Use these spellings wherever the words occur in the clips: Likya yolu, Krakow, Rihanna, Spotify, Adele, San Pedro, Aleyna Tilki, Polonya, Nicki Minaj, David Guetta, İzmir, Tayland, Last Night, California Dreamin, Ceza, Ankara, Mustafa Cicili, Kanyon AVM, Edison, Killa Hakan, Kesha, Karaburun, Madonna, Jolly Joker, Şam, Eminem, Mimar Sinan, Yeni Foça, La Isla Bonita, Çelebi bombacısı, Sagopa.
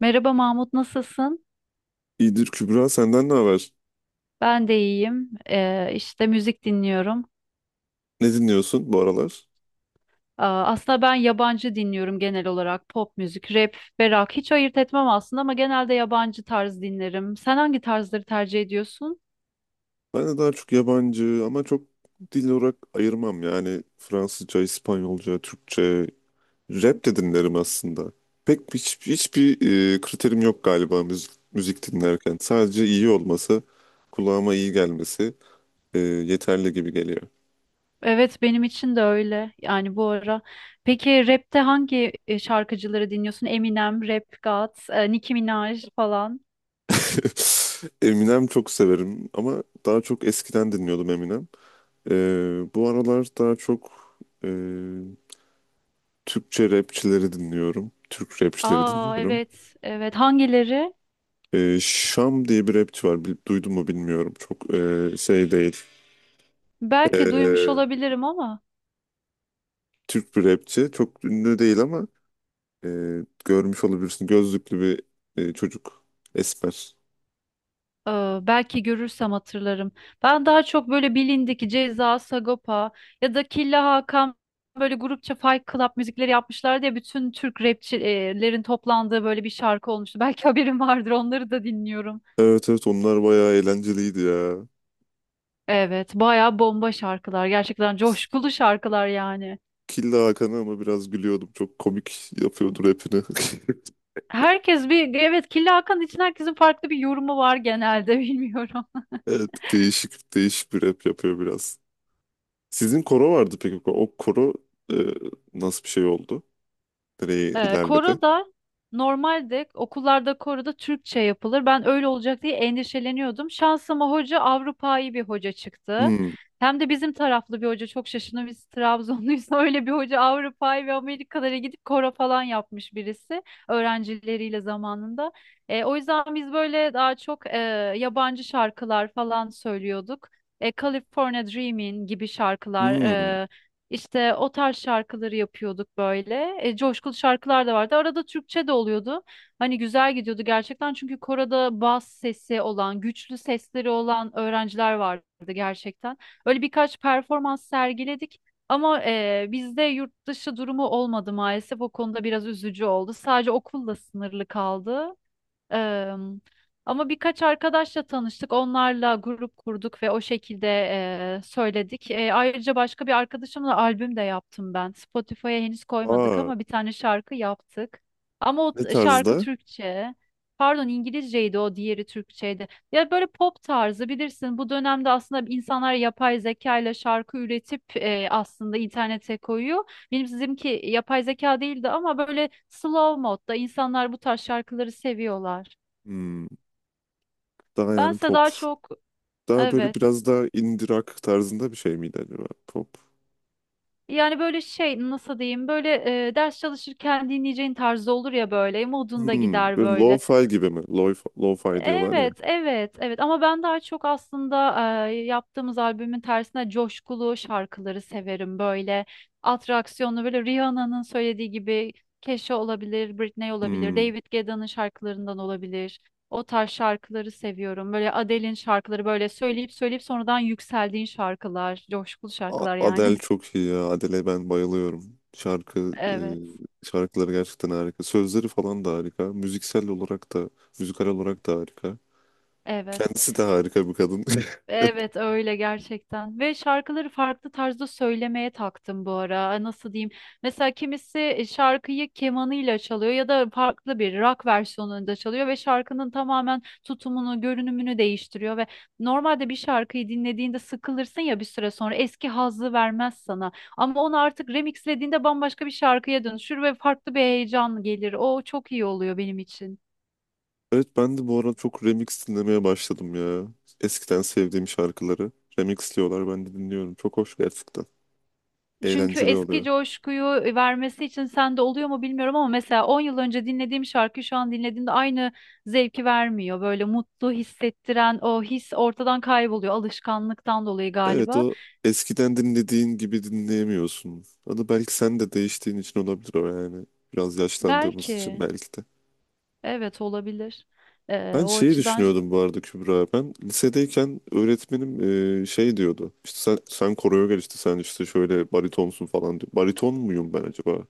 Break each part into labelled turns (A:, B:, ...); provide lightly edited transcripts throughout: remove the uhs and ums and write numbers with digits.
A: Merhaba Mahmut, nasılsın?
B: İyidir Kübra, senden ne haber?
A: Ben de iyiyim. İşte müzik dinliyorum.
B: Ne dinliyorsun bu aralar?
A: Aa, aslında ben yabancı dinliyorum genel olarak. Pop müzik, rap ve rock. Hiç ayırt etmem aslında ama genelde yabancı tarz dinlerim. Sen hangi tarzları tercih ediyorsun?
B: Ben de daha çok yabancı ama çok dil olarak ayırmam. Yani Fransızca, İspanyolca, Türkçe, rap de dinlerim aslında. Pek hiç, hiçbir kriterim yok galiba müzik dinlerken. Sadece iyi olması, kulağıma iyi gelmesi yeterli gibi geliyor.
A: Evet, benim için de öyle. Yani bu ara. Peki rapte hangi şarkıcıları dinliyorsun? Eminem, Rap God, Nicki Minaj falan.
B: Eminem çok severim ama daha çok eskiden dinliyordum Eminem. E, Bu aralar daha çok e, Türkçe rapçileri dinliyorum. Türk rapçileri
A: Aa
B: dinliyorum.
A: evet, evet. Hangileri?
B: Şam diye bir rapçi var. Duydun mu bilmiyorum. Çok değil.
A: Belki duymuş
B: Ee,
A: olabilirim ama.
B: Türk bir rapçi. Çok ünlü değil ama e, görmüş olabilirsin. Gözlüklü bir çocuk. Esmer.
A: Belki görürsem hatırlarım. Ben daha çok böyle bilindik Ceza, Sagopa ya da Killa Hakan böyle grupça Fight Club müzikleri yapmışlar diye bütün Türk rapçilerin toplandığı böyle bir şarkı olmuştu. Belki haberin vardır onları da dinliyorum.
B: Evet evet, onlar bayağı eğlenceliydi ya.
A: Evet, bayağı bomba şarkılar. Gerçekten coşkulu şarkılar yani.
B: Killa Hakan'a ama biraz gülüyordum. Çok komik yapıyordu rapini.
A: Herkes bir evet Killa Hakan için herkesin farklı bir yorumu var genelde bilmiyorum.
B: Evet, değişik değişik bir rap yapıyor biraz. Sizin koro vardı peki. O koro e, nasıl bir şey oldu? Direği ilerledi.
A: Koro da normalde okullarda koro da Türkçe yapılır. Ben öyle olacak diye endişeleniyordum. Şansıma hoca Avrupa'yı bir hoca çıktı.
B: Hmm.
A: Hem de bizim taraflı bir hoca çok şaşırdım. Biz Trabzonluyuz, öyle bir hoca Avrupa'yı ve Amerikalara gidip koro falan yapmış birisi öğrencileriyle zamanında. O yüzden biz böyle daha çok yabancı şarkılar falan söylüyorduk. California Dreamin gibi şarkılar,
B: Hmm.
A: işte o tarz şarkıları yapıyorduk böyle. Coşkulu şarkılar da vardı. Arada Türkçe de oluyordu. Hani güzel gidiyordu gerçekten. Çünkü koroda bas sesi olan, güçlü sesleri olan öğrenciler vardı gerçekten. Öyle birkaç performans sergiledik. Ama bizde yurt dışı durumu olmadı maalesef. O konuda biraz üzücü oldu. Sadece okulla sınırlı kaldı. Em, Ama birkaç arkadaşla tanıştık. Onlarla grup kurduk ve o şekilde söyledik. Ayrıca başka bir arkadaşımla albüm de yaptım ben. Spotify'a henüz koymadık
B: Aa,
A: ama bir tane şarkı yaptık. Ama o
B: ne
A: şarkı
B: tarzda?
A: Türkçe. Pardon İngilizceydi o, diğeri Türkçeydi. Ya böyle pop tarzı bilirsin. Bu dönemde aslında insanlar yapay zeka ile şarkı üretip aslında internete koyuyor. Benim sizinki yapay zeka değildi ama böyle slow modda insanlar bu tarz şarkıları seviyorlar.
B: Hmm, daha yani
A: Bense
B: pop.
A: daha çok,
B: Daha böyle
A: evet.
B: biraz daha indie rock tarzında bir şey miydi acaba? Pop.
A: Yani böyle şey, nasıl diyeyim, böyle ders çalışırken dinleyeceğin tarzı olur ya, böyle modunda
B: Hmm,
A: gider
B: böyle
A: böyle.
B: lo-fi gibi mi? Lo-fi, lo-fi diyorlar ya.
A: Evet, evet, evet. Ama ben daha çok aslında yaptığımız albümün tersine coşkulu şarkıları severim. Böyle atraksiyonlu, böyle Rihanna'nın söylediği gibi, Kesha olabilir, Britney olabilir,
B: Hmm.
A: David Guetta'nın şarkılarından olabilir. O tarz şarkıları seviyorum. Böyle Adele'in şarkıları, böyle söyleyip söyleyip sonradan yükseldiğin şarkılar, coşkulu
B: A-
A: şarkılar
B: Adele
A: yani.
B: çok iyi ya. Adele'e ben bayılıyorum.
A: Evet,
B: Şarkıları gerçekten harika. Sözleri falan da harika. Müziksel olarak da, müzikal olarak da harika.
A: evet.
B: Kendisi de harika bir kadın.
A: Evet öyle gerçekten, ve şarkıları farklı tarzda söylemeye taktım bu ara. Nasıl diyeyim, mesela kimisi şarkıyı kemanıyla çalıyor ya da farklı bir rock versiyonunda çalıyor ve şarkının tamamen tutumunu, görünümünü değiştiriyor. Ve normalde bir şarkıyı dinlediğinde sıkılırsın ya, bir süre sonra eski hazzı vermez sana, ama onu artık remixlediğinde bambaşka bir şarkıya dönüşür ve farklı bir heyecan gelir. O çok iyi oluyor benim için.
B: Evet, ben de bu ara çok remix dinlemeye başladım ya. Eskiden sevdiğim şarkıları remixliyorlar, ben de dinliyorum. Çok hoş gerçekten.
A: Çünkü
B: Eğlenceli
A: eski
B: oluyor.
A: coşkuyu vermesi için, sende oluyor mu bilmiyorum ama mesela 10 yıl önce dinlediğim şarkı şu an dinlediğimde aynı zevki vermiyor. Böyle mutlu hissettiren o his ortadan kayboluyor, alışkanlıktan dolayı
B: Evet,
A: galiba.
B: o eskiden dinlediğin gibi dinleyemiyorsun. Onu belki sen de değiştiğin için olabilir o yani. Biraz yaşlandığımız için
A: Belki,
B: belki de.
A: evet, olabilir.
B: Ben
A: O
B: şeyi
A: açıdan
B: düşünüyordum bu arada Kübra. Ben lisedeyken öğretmenim şey diyordu. İşte sen koroya gel, işte sen işte şöyle baritonsun falan diyor. Bariton muyum ben acaba?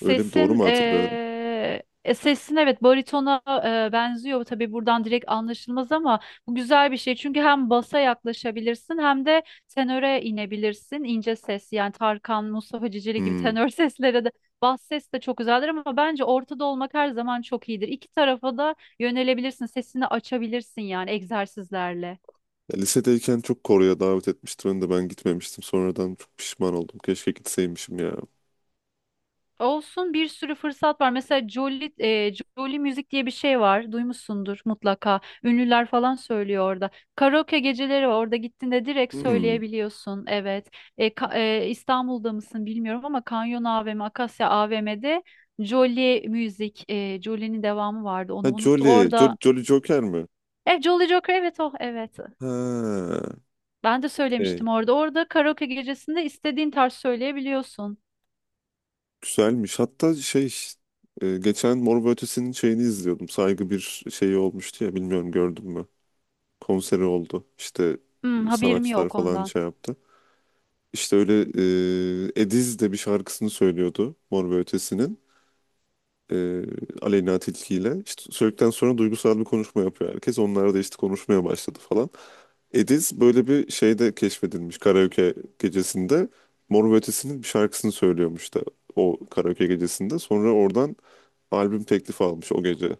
B: Öyle mi, doğru mu hatırlıyorum?
A: eee, e, sesin evet baritona benziyor. Tabii buradan direkt anlaşılmaz ama bu güzel bir şey. Çünkü hem basa yaklaşabilirsin hem de tenöre inebilirsin. İnce ses yani, Tarkan, Mustafa Cicili gibi
B: Hmm.
A: tenör seslere de, bas ses de çok güzeldir ama bence ortada olmak her zaman çok iyidir. İki tarafa da yönelebilirsin. Sesini açabilirsin yani, egzersizlerle.
B: Ya lisedeyken çok Kore'ye davet etmişti beni de, ben gitmemiştim. Sonradan çok pişman oldum. Keşke gitseymişim ya.
A: Olsun, bir sürü fırsat var. Mesela Jolly Müzik diye bir şey var. Duymuşsundur mutlaka. Ünlüler falan söylüyor orada. Karaoke geceleri var. Orada gittiğinde direkt
B: Hmm.
A: söyleyebiliyorsun. Evet. E, ka- İstanbul'da mısın bilmiyorum ama Kanyon AVM, Akasya AVM'de Jolly Müzik, Jolly'nin devamı vardı.
B: Ha,
A: Onu unuttum.
B: Jolly.
A: Orada
B: Jolly Joker mi?
A: Jolly Joker, evet, o, evet.
B: Ha.
A: Ben de
B: Okey.
A: söylemiştim orada. Orada karaoke gecesinde istediğin tarz söyleyebiliyorsun.
B: Güzelmiş. Hatta geçen Mor ve Ötesi'nin şeyini izliyordum. Saygı bir şeyi olmuştu ya, bilmiyorum, gördün mü? Konseri oldu. İşte
A: Hmm, haberim
B: sanatçılar
A: yok
B: falan
A: ondan.
B: şey yaptı. İşte öyle Ediz de bir şarkısını söylüyordu Mor ve Ötesi'nin. e, Aleyna Tilki ile. İşte söyledikten sonra duygusal bir konuşma yapıyor herkes. Onlar da işte konuşmaya başladı falan. Ediz böyle bir şeyde keşfedilmiş, karaoke gecesinde. Mor ve Ötesi'nin bir şarkısını söylüyormuş da o karaoke gecesinde. Sonra oradan albüm teklifi almış o gece.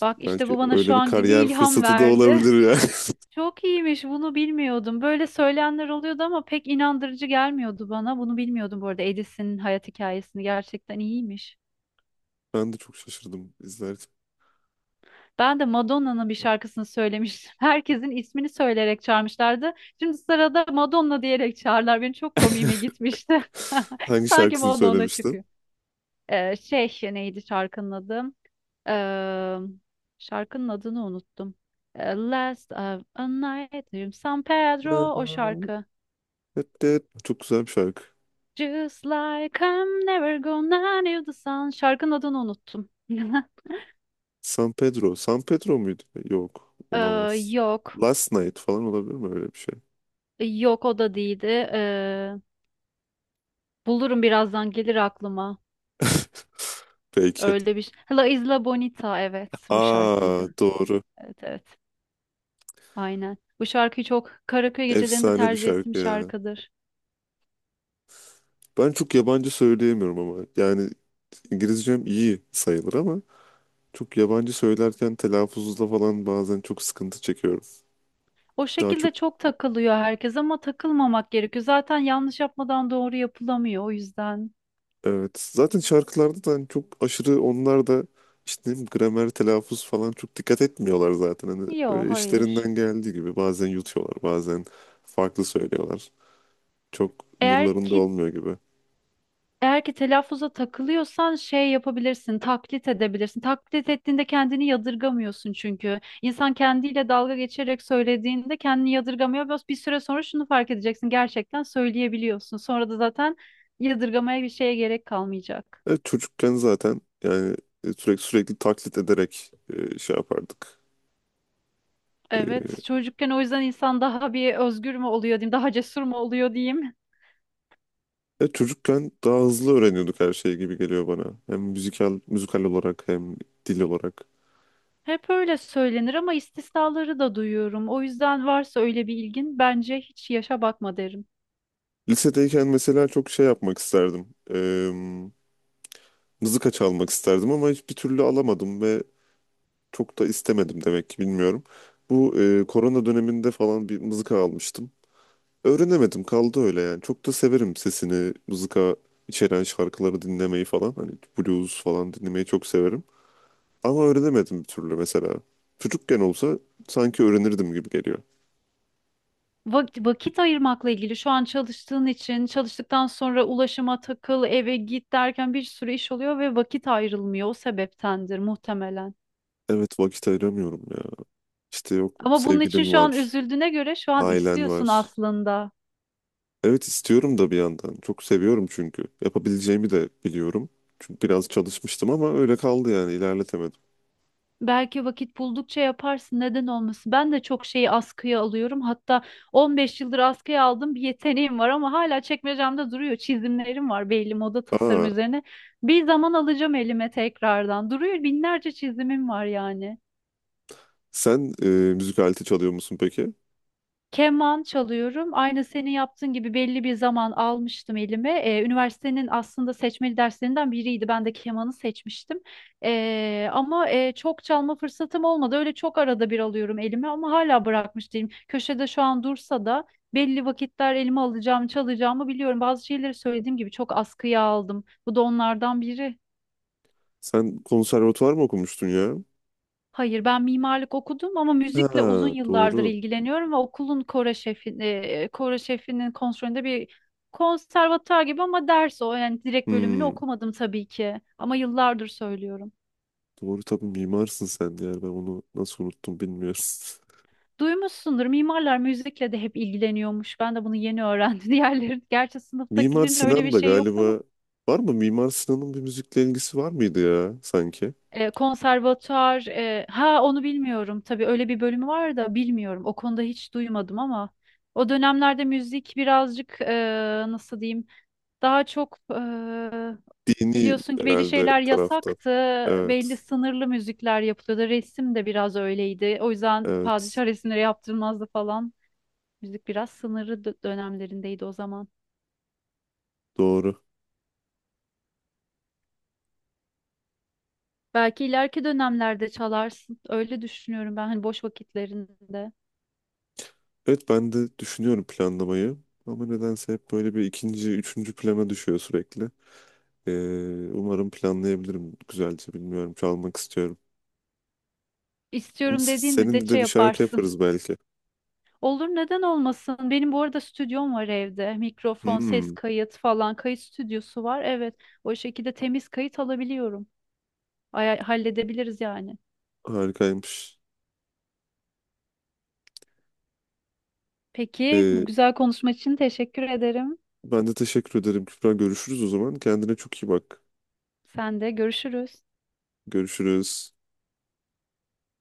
A: Bak işte
B: Belki
A: bu bana şu
B: öyle bir
A: an gibi
B: kariyer
A: ilham
B: fırsatı da
A: verdi.
B: olabilir yani.
A: Çok iyiymiş, bunu bilmiyordum. Böyle söyleyenler oluyordu ama pek inandırıcı gelmiyordu bana. Bunu bilmiyordum bu arada, Edison'ın hayat hikayesini gerçekten iyiymiş.
B: Ben de çok şaşırdım izlerken.
A: Ben de Madonna'nın bir şarkısını söylemiştim. Herkesin ismini söyleyerek çağırmışlardı. Şimdi sırada Madonna diyerek çağırlar. Benim çok komiğime gitmişti.
B: Hangi
A: Sanki
B: şarkısını
A: Madonna
B: söylemiştin?
A: çıkıyor. Şey, neydi şarkının adı? Eee, Şarkının adını unuttum. Last of a Night in San Pedro o şarkı.
B: Çok güzel bir şarkı.
A: Just like I'm never gonna leave the sun. Şarkının adını unuttum.
B: San Pedro. San Pedro muydu? Yok.
A: Eee,
B: Olamaz.
A: Yok.
B: Last Night falan olabilir mi, öyle bir şey?
A: Yok, o da değildi. Bulurum, birazdan gelir aklıma.
B: Belki.
A: Öyle bir La Isla Bonita, evet, bu
B: Aa,
A: şarkıydı.
B: doğru.
A: Evet, evet. Aynen. Bu şarkıyı çok karaköy gecelerinde
B: Efsane bir
A: tercih ettiğim
B: şarkı ya.
A: şarkıdır.
B: Ben çok yabancı söyleyemiyorum ama. Yani İngilizcem iyi sayılır ama çok yabancı söylerken telaffuzda falan bazen çok sıkıntı çekiyorum.
A: O
B: Daha çok
A: şekilde çok takılıyor herkes ama takılmamak gerekiyor. Zaten yanlış yapmadan doğru yapılamıyor, o yüzden.
B: evet. Zaten şarkılarda da hani çok aşırı onlar da işte gramer, telaffuz falan çok dikkat etmiyorlar zaten. Hani
A: Yok,
B: öyle
A: hayır.
B: işlerinden geldiği gibi bazen yutuyorlar, bazen farklı söylüyorlar. Çok
A: Eğer
B: umurlarında
A: ki
B: olmuyor gibi.
A: eğer ki telaffuza takılıyorsan şey yapabilirsin, taklit edebilirsin. Taklit ettiğinde kendini yadırgamıyorsun çünkü. İnsan kendiyle dalga geçerek söylediğinde kendini yadırgamıyor. Biraz bir süre sonra şunu fark edeceksin: gerçekten söyleyebiliyorsun. Sonra da zaten yadırgamaya, bir şeye gerek kalmayacak.
B: Evet, çocukken zaten yani sürekli sürekli taklit ederek yapardık. E,
A: Evet, çocukken o yüzden insan daha bir özgür mü oluyor diyeyim, daha cesur mu oluyor diyeyim.
B: evet, çocukken daha hızlı öğreniyorduk her şeyi, gibi geliyor bana. Hem müzikal müzikal olarak hem dil olarak.
A: Hep öyle söylenir ama istisnaları da duyuyorum. O yüzden varsa öyle bir ilgin, bence hiç yaşa bakma derim.
B: Lisedeyken mesela çok şey yapmak isterdim. Mızıka çalmak isterdim ama hiçbir türlü alamadım ve çok da istemedim demek ki, bilmiyorum. Bu korona döneminde falan bir mızıka almıştım. Öğrenemedim, kaldı öyle yani. Çok da severim sesini, mızıka içeren şarkıları dinlemeyi falan. Hani blues falan dinlemeyi çok severim. Ama öğrenemedim bir türlü mesela. Çocukken olsa sanki öğrenirdim gibi geliyor.
A: Vakit ayırmakla ilgili, şu an çalıştığın için çalıştıktan sonra ulaşıma takıl, eve git derken bir sürü iş oluyor ve vakit ayrılmıyor. O sebeptendir muhtemelen.
B: Evet, vakit ayıramıyorum ya. İşte yok,
A: Ama bunun için
B: sevgilin
A: şu an
B: var,
A: üzüldüğüne göre şu an
B: ailen
A: istiyorsun
B: var.
A: aslında.
B: Evet, istiyorum da bir yandan. Çok seviyorum çünkü. Yapabileceğimi de biliyorum. Çünkü biraz çalışmıştım ama öyle kaldı yani, ilerletemedim.
A: Belki vakit buldukça yaparsın. Neden olmasın? Ben de çok şeyi askıya alıyorum. Hatta 15 yıldır askıya aldım. Bir yeteneğim var ama hala çekmecemde duruyor. Çizimlerim var belli, moda tasarım
B: Aa,
A: üzerine. Bir zaman alacağım elime tekrardan. Duruyor, binlerce çizimim var yani.
B: sen müzik aleti çalıyor musun peki?
A: Keman çalıyorum. Aynı senin yaptığın gibi belli bir zaman almıştım elime. Üniversitenin aslında seçmeli derslerinden biriydi. Ben de kemanı seçmiştim. Ama çok çalma fırsatım olmadı. Öyle çok arada bir alıyorum elime ama hala bırakmış değilim. Köşede şu an dursa da belli vakitler elime alacağım, çalacağımı biliyorum. Bazı şeyleri söylediğim gibi çok askıya aldım. Bu da onlardan biri.
B: Sen konservatuvar mı okumuştun ya?
A: Hayır, ben mimarlık okudum ama müzikle uzun
B: Ha,
A: yıllardır
B: doğru.
A: ilgileniyorum ve okulun koro şefi, koro şefinin kontrolünde bir konservatuar gibi, ama ders o. Yani direkt bölümünü
B: Hmm,
A: okumadım tabii ki ama yıllardır söylüyorum.
B: doğru tabii, mimarsın sen de yani, ben onu nasıl unuttum bilmiyorum.
A: Duymuşsundur, mimarlar müzikle de hep ilgileniyormuş. Ben de bunu yeni öğrendim. Diğerleri, gerçi
B: Mimar
A: sınıftakilerin öyle
B: Sinan
A: bir
B: da
A: şey yoktu ama
B: galiba, var mı? Mimar Sinan'ın bir müzikle ilgisi var mıydı ya sanki?
A: konservatuar, ha onu bilmiyorum. Tabii öyle bir bölümü var da bilmiyorum. O konuda hiç duymadım ama o dönemlerde müzik birazcık, nasıl diyeyim, daha çok
B: Dini
A: biliyorsun ki belli
B: herhalde
A: şeyler
B: tarafta.
A: yasaktı. Belli
B: Evet,
A: sınırlı müzikler yapılıyordu. Resim de biraz öyleydi. O yüzden
B: evet.
A: padişah resimleri yaptırmazdı falan. Müzik biraz sınırlı dönemlerindeydi o zaman.
B: Doğru.
A: Belki ileriki dönemlerde çalarsın. Öyle düşünüyorum ben, hani boş vakitlerinde.
B: Evet, ben de düşünüyorum planlamayı. Ama nedense hep böyle bir ikinci, üçüncü plana düşüyor sürekli. Ee, Umarım planlayabilirim güzelce, bilmiyorum. Çalmak istiyorum. Ama
A: İstiyorum
B: s-
A: dediğin
B: Seninle
A: müddetçe
B: de bir şarkı
A: yaparsın.
B: yaparız belki.
A: Olur, neden olmasın? Benim bu arada stüdyom var evde. Mikrofon, ses
B: Hmm,
A: kayıt falan. Kayıt stüdyosu var. Evet. O şekilde temiz kayıt alabiliyorum. Halledebiliriz yani.
B: harikaymış.
A: Peki
B: Ee,
A: bu güzel konuşma için teşekkür ederim.
B: Ben de teşekkür ederim Kübra. Görüşürüz o zaman. Kendine çok iyi bak.
A: Sen de görüşürüz.
B: Görüşürüz.